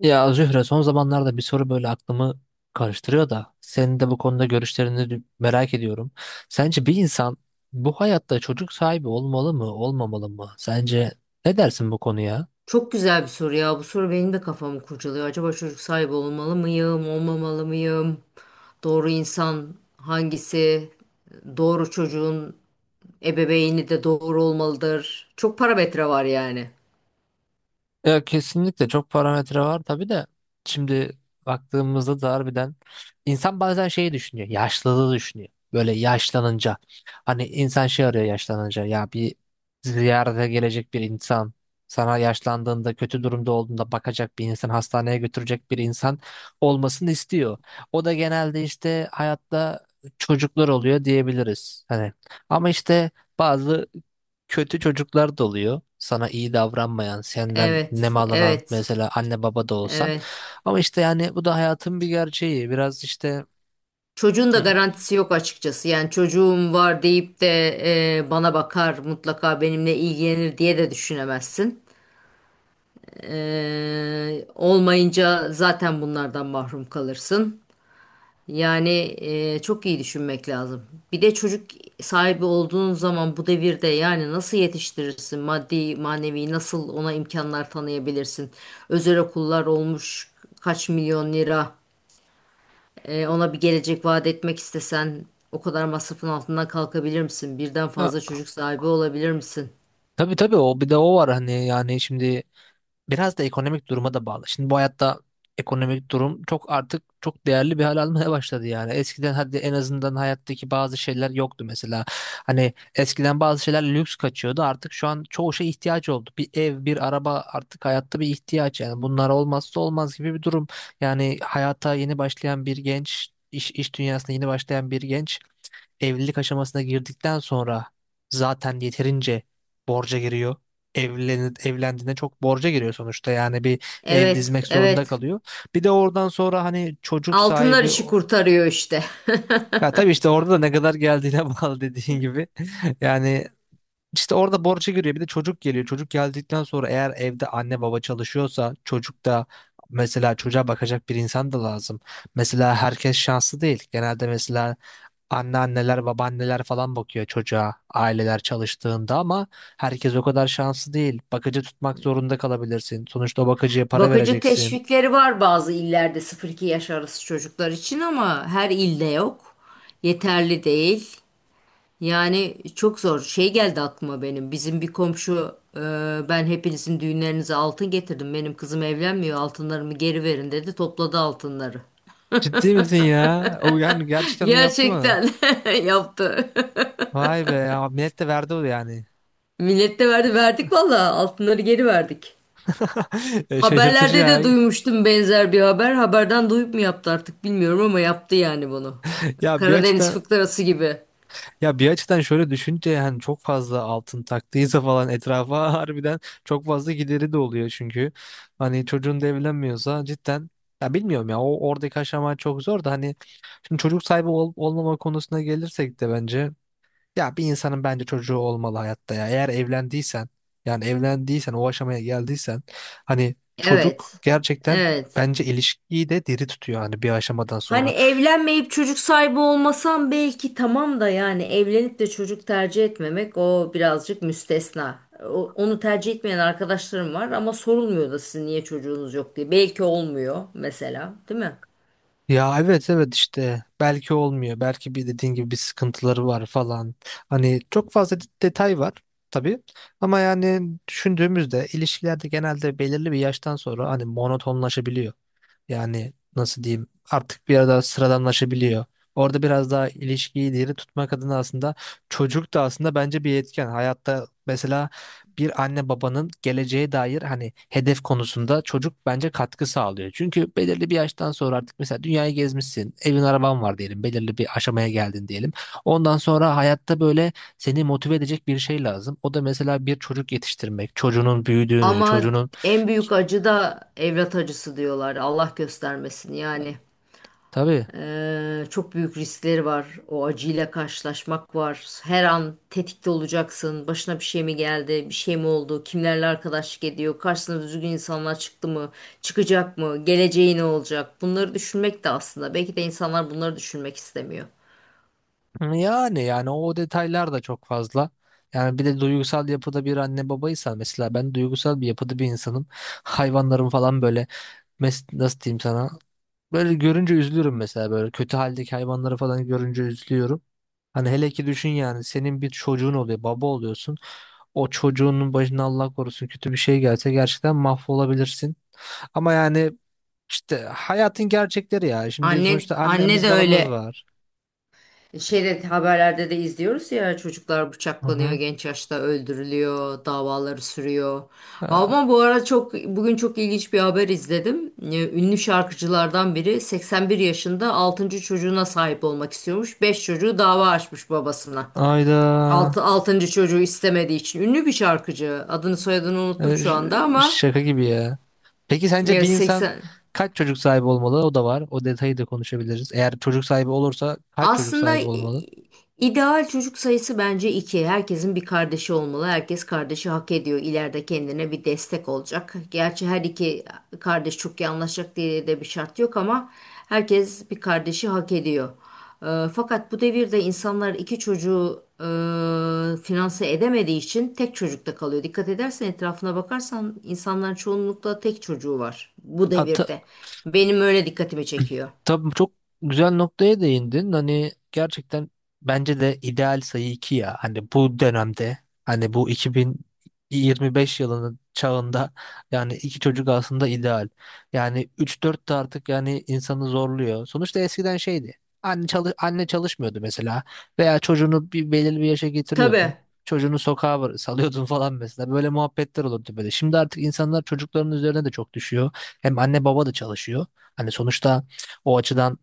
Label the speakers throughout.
Speaker 1: Ya Zühre, son zamanlarda bir soru böyle aklımı karıştırıyor da senin de bu konuda görüşlerini de merak ediyorum. Sence bir insan bu hayatta çocuk sahibi olmalı mı, olmamalı mı? Sence ne dersin bu konuya?
Speaker 2: Çok güzel bir soru ya. Bu soru benim de kafamı kurcalıyor. Acaba çocuk sahibi olmalı mıyım, olmamalı mıyım? Doğru insan hangisi? Doğru çocuğun ebeveyni de doğru olmalıdır. Çok parametre var yani.
Speaker 1: Ya kesinlikle çok parametre var tabii de şimdi baktığımızda da harbiden insan bazen şeyi düşünüyor, yaşlılığı düşünüyor, böyle yaşlanınca hani insan şey arıyor yaşlanınca, ya bir ziyarete gelecek bir insan, sana yaşlandığında kötü durumda olduğunda bakacak bir insan, hastaneye götürecek bir insan olmasını istiyor. O da genelde işte hayatta çocuklar oluyor diyebiliriz hani, ama işte bazı kötü çocuklar da oluyor. Sana iyi davranmayan, senden
Speaker 2: Evet,
Speaker 1: nemalanan,
Speaker 2: evet,
Speaker 1: mesela anne baba da olsan.
Speaker 2: evet.
Speaker 1: Ama işte yani bu da hayatın bir gerçeği. Biraz işte.
Speaker 2: Çocuğun da
Speaker 1: Hı.
Speaker 2: garantisi yok açıkçası. Yani çocuğum var deyip de bana bakar, mutlaka benimle ilgilenir diye de düşünemezsin. Olmayınca zaten bunlardan mahrum kalırsın. Yani çok iyi düşünmek lazım. Bir de çocuk sahibi olduğun zaman bu devirde yani nasıl yetiştirirsin? Maddi, manevi nasıl ona imkanlar tanıyabilirsin? Özel okullar olmuş kaç milyon lira. Ona bir gelecek vaat etmek istesen o kadar masrafın altından kalkabilir misin? Birden fazla
Speaker 1: Ya,
Speaker 2: çocuk sahibi olabilir misin?
Speaker 1: tabii tabii, o bir de o var hani, yani şimdi biraz da ekonomik duruma da bağlı. Şimdi bu hayatta ekonomik durum çok, artık çok değerli bir hal almaya başladı yani. Eskiden hadi en azından hayattaki bazı şeyler yoktu mesela. Hani eskiden bazı şeyler lüks kaçıyordu. Artık şu an çoğu şey ihtiyaç oldu. Bir ev, bir araba artık hayatta bir ihtiyaç yani. Bunlar olmazsa olmaz gibi bir durum. Yani hayata yeni başlayan bir genç, iş dünyasına yeni başlayan bir genç evlilik aşamasına girdikten sonra zaten yeterince borca giriyor. Evlendiğinde çok borca giriyor sonuçta, yani bir ev
Speaker 2: Evet,
Speaker 1: dizmek zorunda
Speaker 2: evet.
Speaker 1: kalıyor. Bir de oradan sonra hani çocuk
Speaker 2: Altınlar
Speaker 1: sahibi
Speaker 2: işi
Speaker 1: o-
Speaker 2: kurtarıyor işte.
Speaker 1: ya tabii işte orada da ne kadar geldiğine bağlı dediğin gibi. Yani işte orada borca giriyor, bir de çocuk geliyor. Çocuk geldikten sonra eğer evde anne baba çalışıyorsa çocuk da mesela, çocuğa bakacak bir insan da lazım. Mesela herkes şanslı değil. Genelde mesela anneanneler, babaanneler falan bakıyor çocuğa aileler çalıştığında, ama herkes o kadar şanslı değil. Bakıcı tutmak zorunda kalabilirsin. Sonuçta o bakıcıya para
Speaker 2: Bakıcı
Speaker 1: vereceksin.
Speaker 2: teşvikleri var bazı illerde sıfır 2 yaş arası çocuklar için ama her ilde yok. Yeterli değil. Yani çok zor. Şey geldi aklıma benim. Bizim bir komşu, ben hepinizin düğünlerinize altın getirdim. Benim kızım evlenmiyor. Altınlarımı geri verin dedi. Topladı altınları.
Speaker 1: Ciddi misin ya? O yani gerçekten onu yaptı mı?
Speaker 2: Gerçekten yaptı.
Speaker 1: Vay be ya, millet de verdi o yani.
Speaker 2: Millet de verdi. Verdik valla. Altınları geri verdik.
Speaker 1: Şaşırtıcı
Speaker 2: Haberlerde
Speaker 1: ya.
Speaker 2: de duymuştum benzer bir haber. Haberden duyup mu yaptı artık bilmiyorum ama yaptı yani bunu.
Speaker 1: Ya bir
Speaker 2: Karadeniz
Speaker 1: açıdan,
Speaker 2: fıkrası gibi.
Speaker 1: ya bir açıdan şöyle düşünce, yani çok fazla altın taktıysa falan etrafa harbiden çok fazla gideri de oluyor çünkü. Hani çocuğun da evlenmiyorsa cidden, ya bilmiyorum ya, o oradaki aşama çok zor da hani şimdi çocuk sahibi ol- olmama konusuna gelirsek de bence, ya bir insanın bence çocuğu olmalı hayatta ya. Eğer evlendiysen, yani evlendiysen o aşamaya geldiysen, hani çocuk
Speaker 2: Evet.
Speaker 1: gerçekten
Speaker 2: Evet.
Speaker 1: bence ilişkiyi de diri tutuyor hani bir aşamadan
Speaker 2: Hani
Speaker 1: sonra.
Speaker 2: evlenmeyip çocuk sahibi olmasam belki tamam da, yani evlenip de çocuk tercih etmemek o birazcık müstesna. Onu tercih etmeyen arkadaşlarım var ama sorulmuyor da sizin niye çocuğunuz yok diye. Belki olmuyor mesela, değil mi?
Speaker 1: Ya evet evet, işte belki olmuyor. Belki bir dediğin gibi bir sıkıntıları var falan. Hani çok fazla de- detay var tabii. Ama yani düşündüğümüzde ilişkilerde genelde belirli bir yaştan sonra hani monotonlaşabiliyor. Yani nasıl diyeyim, artık biraz daha sıradanlaşabiliyor. Orada biraz daha ilişkiyi diri tutmak adına aslında çocuk da aslında bence bir etken. Hayatta mesela bir anne babanın geleceğe dair hani hedef konusunda çocuk bence katkı sağlıyor. Çünkü belirli bir yaştan sonra artık mesela dünyayı gezmişsin, evin araban var diyelim, belirli bir aşamaya geldin diyelim. Ondan sonra hayatta böyle seni motive edecek bir şey lazım. O da mesela bir çocuk yetiştirmek, çocuğunun büyüdüğünü,
Speaker 2: Ama
Speaker 1: çocuğunun
Speaker 2: en büyük acı da evlat acısı diyorlar. Allah göstermesin yani.
Speaker 1: tabii.
Speaker 2: Çok büyük riskleri var. O acıyla karşılaşmak var. Her an tetikte olacaksın. Başına bir şey mi geldi? Bir şey mi oldu? Kimlerle arkadaşlık ediyor? Karşısına düzgün insanlar çıktı mı? Çıkacak mı? Geleceği ne olacak? Bunları düşünmek de aslında. Belki de insanlar bunları düşünmek istemiyor.
Speaker 1: Yani o detaylar da çok fazla. Yani bir de duygusal yapıda bir anne babaysan, mesela ben duygusal bir yapıda bir insanım. Hayvanlarım falan böyle, mes nasıl diyeyim sana? Böyle görünce üzülürüm mesela, böyle kötü haldeki hayvanları falan görünce üzülüyorum. Hani hele ki düşün yani, senin bir çocuğun oluyor, baba oluyorsun. O çocuğunun başına Allah korusun kötü bir şey gelse gerçekten mahvolabilirsin. Ama yani işte hayatın gerçekleri ya. Şimdi
Speaker 2: Anne,
Speaker 1: sonuçta
Speaker 2: anne
Speaker 1: annemiz
Speaker 2: de
Speaker 1: babamız
Speaker 2: öyle.
Speaker 1: var.
Speaker 2: Şeyde, haberlerde de izliyoruz ya, çocuklar
Speaker 1: Hı
Speaker 2: bıçaklanıyor,
Speaker 1: hı.
Speaker 2: genç yaşta öldürülüyor, davaları sürüyor. Ama
Speaker 1: Aa,
Speaker 2: bu ara çok, bugün çok ilginç bir haber izledim. Ünlü şarkıcılardan biri 81 yaşında altıncı çocuğuna sahip olmak istiyormuş. Beş çocuğu dava açmış babasına.
Speaker 1: Ayda.
Speaker 2: Altıncı çocuğu istemediği için ünlü bir şarkıcı. Adını soyadını unuttum
Speaker 1: Ee,
Speaker 2: şu
Speaker 1: ş-
Speaker 2: anda ama
Speaker 1: Şaka gibi ya. Peki sence
Speaker 2: ya
Speaker 1: bir insan
Speaker 2: 80.
Speaker 1: kaç çocuk sahibi olmalı? O da var. O detayı da konuşabiliriz. Eğer çocuk sahibi olursa kaç çocuk
Speaker 2: Aslında
Speaker 1: sahibi olmalı?
Speaker 2: ideal çocuk sayısı bence iki. Herkesin bir kardeşi olmalı. Herkes kardeşi hak ediyor. İleride kendine bir destek olacak. Gerçi her iki kardeş çok iyi anlaşacak diye de bir şart yok ama herkes bir kardeşi hak ediyor. Fakat bu devirde insanlar iki çocuğu finanse edemediği için tek çocukta kalıyor. Dikkat edersen, etrafına bakarsan insanların çoğunlukla tek çocuğu var bu
Speaker 1: Hat.
Speaker 2: devirde. Benim öyle dikkatimi çekiyor.
Speaker 1: Tabii çok güzel noktaya değindin. Hani gerçekten bence de ideal sayı 2 ya. Hani bu dönemde, hani bu 2025 yılının çağında yani 2 çocuk aslında ideal. Yani 3 4 de artık yani insanı zorluyor. Sonuçta eskiden şeydi. Anne çalışmıyordu mesela, veya çocuğunu bir belirli bir yaşa
Speaker 2: Tabii.
Speaker 1: getiriyordun. Çocuğunu sokağa bıra- salıyordun falan mesela. Böyle muhabbetler olurdu böyle. Şimdi artık insanlar çocukların üzerine de çok düşüyor. Hem anne baba da çalışıyor. Hani sonuçta o açıdan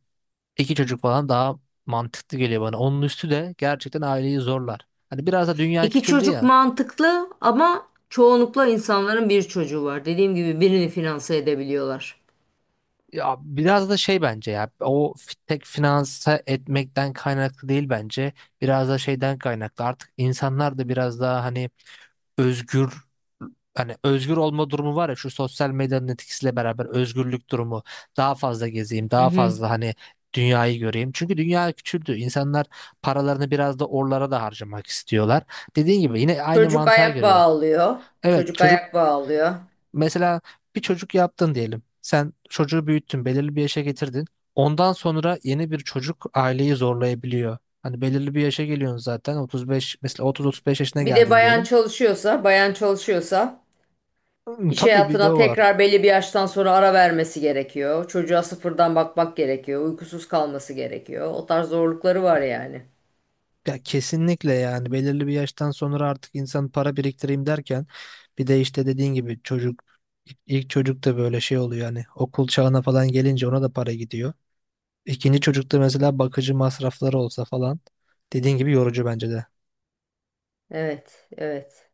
Speaker 1: iki çocuk falan daha mantıklı geliyor bana. Onun üstü de gerçekten aileyi zorlar. Hani biraz da dünya
Speaker 2: İki
Speaker 1: küçüldü
Speaker 2: çocuk
Speaker 1: ya.
Speaker 2: mantıklı ama çoğunlukla insanların bir çocuğu var. Dediğim gibi birini finanse edebiliyorlar.
Speaker 1: Ya biraz da şey bence ya, o fi- tek finanse etmekten kaynaklı değil bence. Biraz da şeyden kaynaklı. Artık insanlar da biraz daha hani özgür, hani özgür olma durumu var ya, şu sosyal medyanın etkisiyle beraber özgürlük durumu, daha fazla gezeyim,
Speaker 2: Hı
Speaker 1: daha
Speaker 2: hı.
Speaker 1: fazla hani dünyayı göreyim. Çünkü dünya küçüldü. İnsanlar paralarını biraz da oralara da harcamak istiyorlar. Dediğin gibi yine aynı
Speaker 2: Çocuk
Speaker 1: mantığa
Speaker 2: ayak
Speaker 1: giriyor.
Speaker 2: bağlıyor.
Speaker 1: Evet
Speaker 2: Çocuk
Speaker 1: çocuk
Speaker 2: ayak bağlıyor.
Speaker 1: mesela, bir çocuk yaptın diyelim. Sen çocuğu büyüttün, belirli bir yaşa getirdin. Ondan sonra yeni bir çocuk aileyi zorlayabiliyor. Hani belirli bir yaşa geliyorsun zaten, 35 mesela, 30-35 yaşına
Speaker 2: Bir de
Speaker 1: geldin
Speaker 2: bayan
Speaker 1: diyelim.
Speaker 2: çalışıyorsa, bayan çalışıyorsa
Speaker 1: Hmm,
Speaker 2: iş
Speaker 1: tabii bir de
Speaker 2: hayatına
Speaker 1: o var.
Speaker 2: tekrar belli bir yaştan sonra ara vermesi gerekiyor. Çocuğa sıfırdan bakmak gerekiyor. Uykusuz kalması gerekiyor. O tarz zorlukları var yani.
Speaker 1: Ya kesinlikle, yani belirli bir yaştan sonra artık insan para biriktireyim derken bir de işte dediğin gibi çocuk, ilk çocuk da böyle şey oluyor hani, okul çağına falan gelince ona da para gidiyor. İkinci çocukta mesela bakıcı masrafları olsa falan, dediğin gibi yorucu bence de.
Speaker 2: Evet, evet.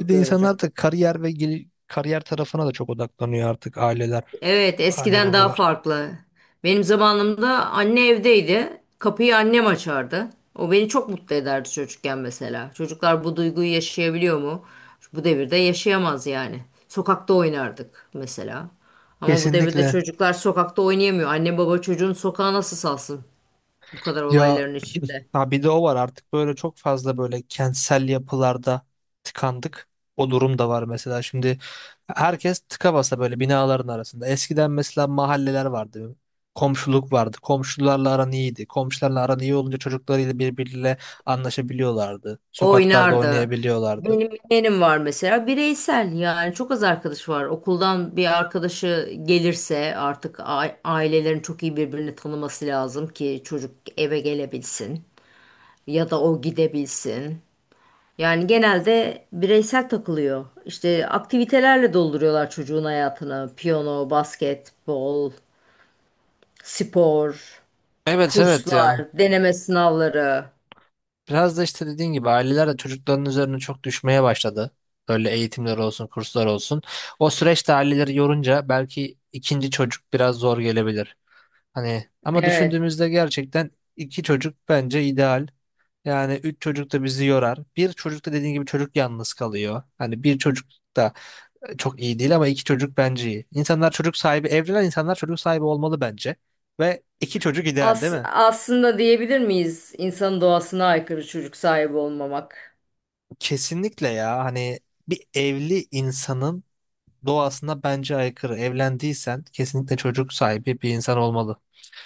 Speaker 1: Bir de insan
Speaker 2: yorucu.
Speaker 1: artık kariyer ve gel- kariyer tarafına da çok odaklanıyor artık, aileler,
Speaker 2: Evet,
Speaker 1: anne
Speaker 2: eskiden daha
Speaker 1: babalar.
Speaker 2: farklı. Benim zamanımda anne evdeydi. Kapıyı annem açardı. O beni çok mutlu ederdi çocukken mesela. Çocuklar bu duyguyu yaşayabiliyor mu? Bu devirde yaşayamaz yani. Sokakta oynardık mesela. Ama bu devirde
Speaker 1: Kesinlikle.
Speaker 2: çocuklar sokakta oynayamıyor. Anne baba çocuğun sokağa nasıl salsın bu kadar
Speaker 1: Ya
Speaker 2: olayların içinde?
Speaker 1: ha bir de o var, artık böyle çok fazla böyle kentsel yapılarda tıkandık. O durum da var mesela. Şimdi herkes tıka basa böyle binaların arasında. Eskiden mesela mahalleler vardı. Komşuluk vardı. Komşularla aran iyiydi. Komşularla aran iyi olunca çocuklarıyla birbiriyle anlaşabiliyorlardı. Sokaklarda
Speaker 2: Oynardı.
Speaker 1: oynayabiliyorlardı.
Speaker 2: Benim yeğenim var mesela, bireysel yani, çok az arkadaş var. Okuldan bir arkadaşı gelirse artık ailelerin çok iyi birbirini tanıması lazım ki çocuk eve gelebilsin ya da o gidebilsin. Yani genelde bireysel takılıyor. İşte aktivitelerle dolduruyorlar çocuğun hayatını. Piyano, basketbol, spor,
Speaker 1: Evet evet ya.
Speaker 2: kurslar, deneme sınavları.
Speaker 1: Biraz da işte dediğin gibi aileler de çocukların üzerine çok düşmeye başladı. Böyle eğitimler olsun, kurslar olsun. O süreçte aileleri yorunca belki ikinci çocuk biraz zor gelebilir. Hani ama
Speaker 2: Evet.
Speaker 1: düşündüğümüzde gerçekten 2 çocuk bence ideal. Yani 3 çocuk da bizi yorar. Bir çocuk da dediğin gibi çocuk yalnız kalıyor. Hani bir çocuk da çok iyi değil, ama 2 çocuk bence iyi. İnsanlar çocuk sahibi, evlenen insanlar çocuk sahibi olmalı bence. Ve 2 çocuk ideal, değil mi?
Speaker 2: Aslında diyebilir miyiz insan doğasına aykırı çocuk sahibi olmamak?
Speaker 1: Kesinlikle ya, hani bir evli insanın doğasına bence aykırı. Evlendiysen kesinlikle çocuk sahibi bir insan olmalı.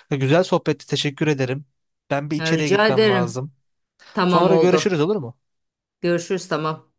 Speaker 1: Güzel sohbetti, teşekkür ederim. Ben bir
Speaker 2: Ya,
Speaker 1: içeriye
Speaker 2: rica
Speaker 1: gitmem
Speaker 2: ederim.
Speaker 1: lazım.
Speaker 2: Tamam,
Speaker 1: Sonra görüşürüz,
Speaker 2: oldu.
Speaker 1: olur mu?
Speaker 2: Görüşürüz, tamam.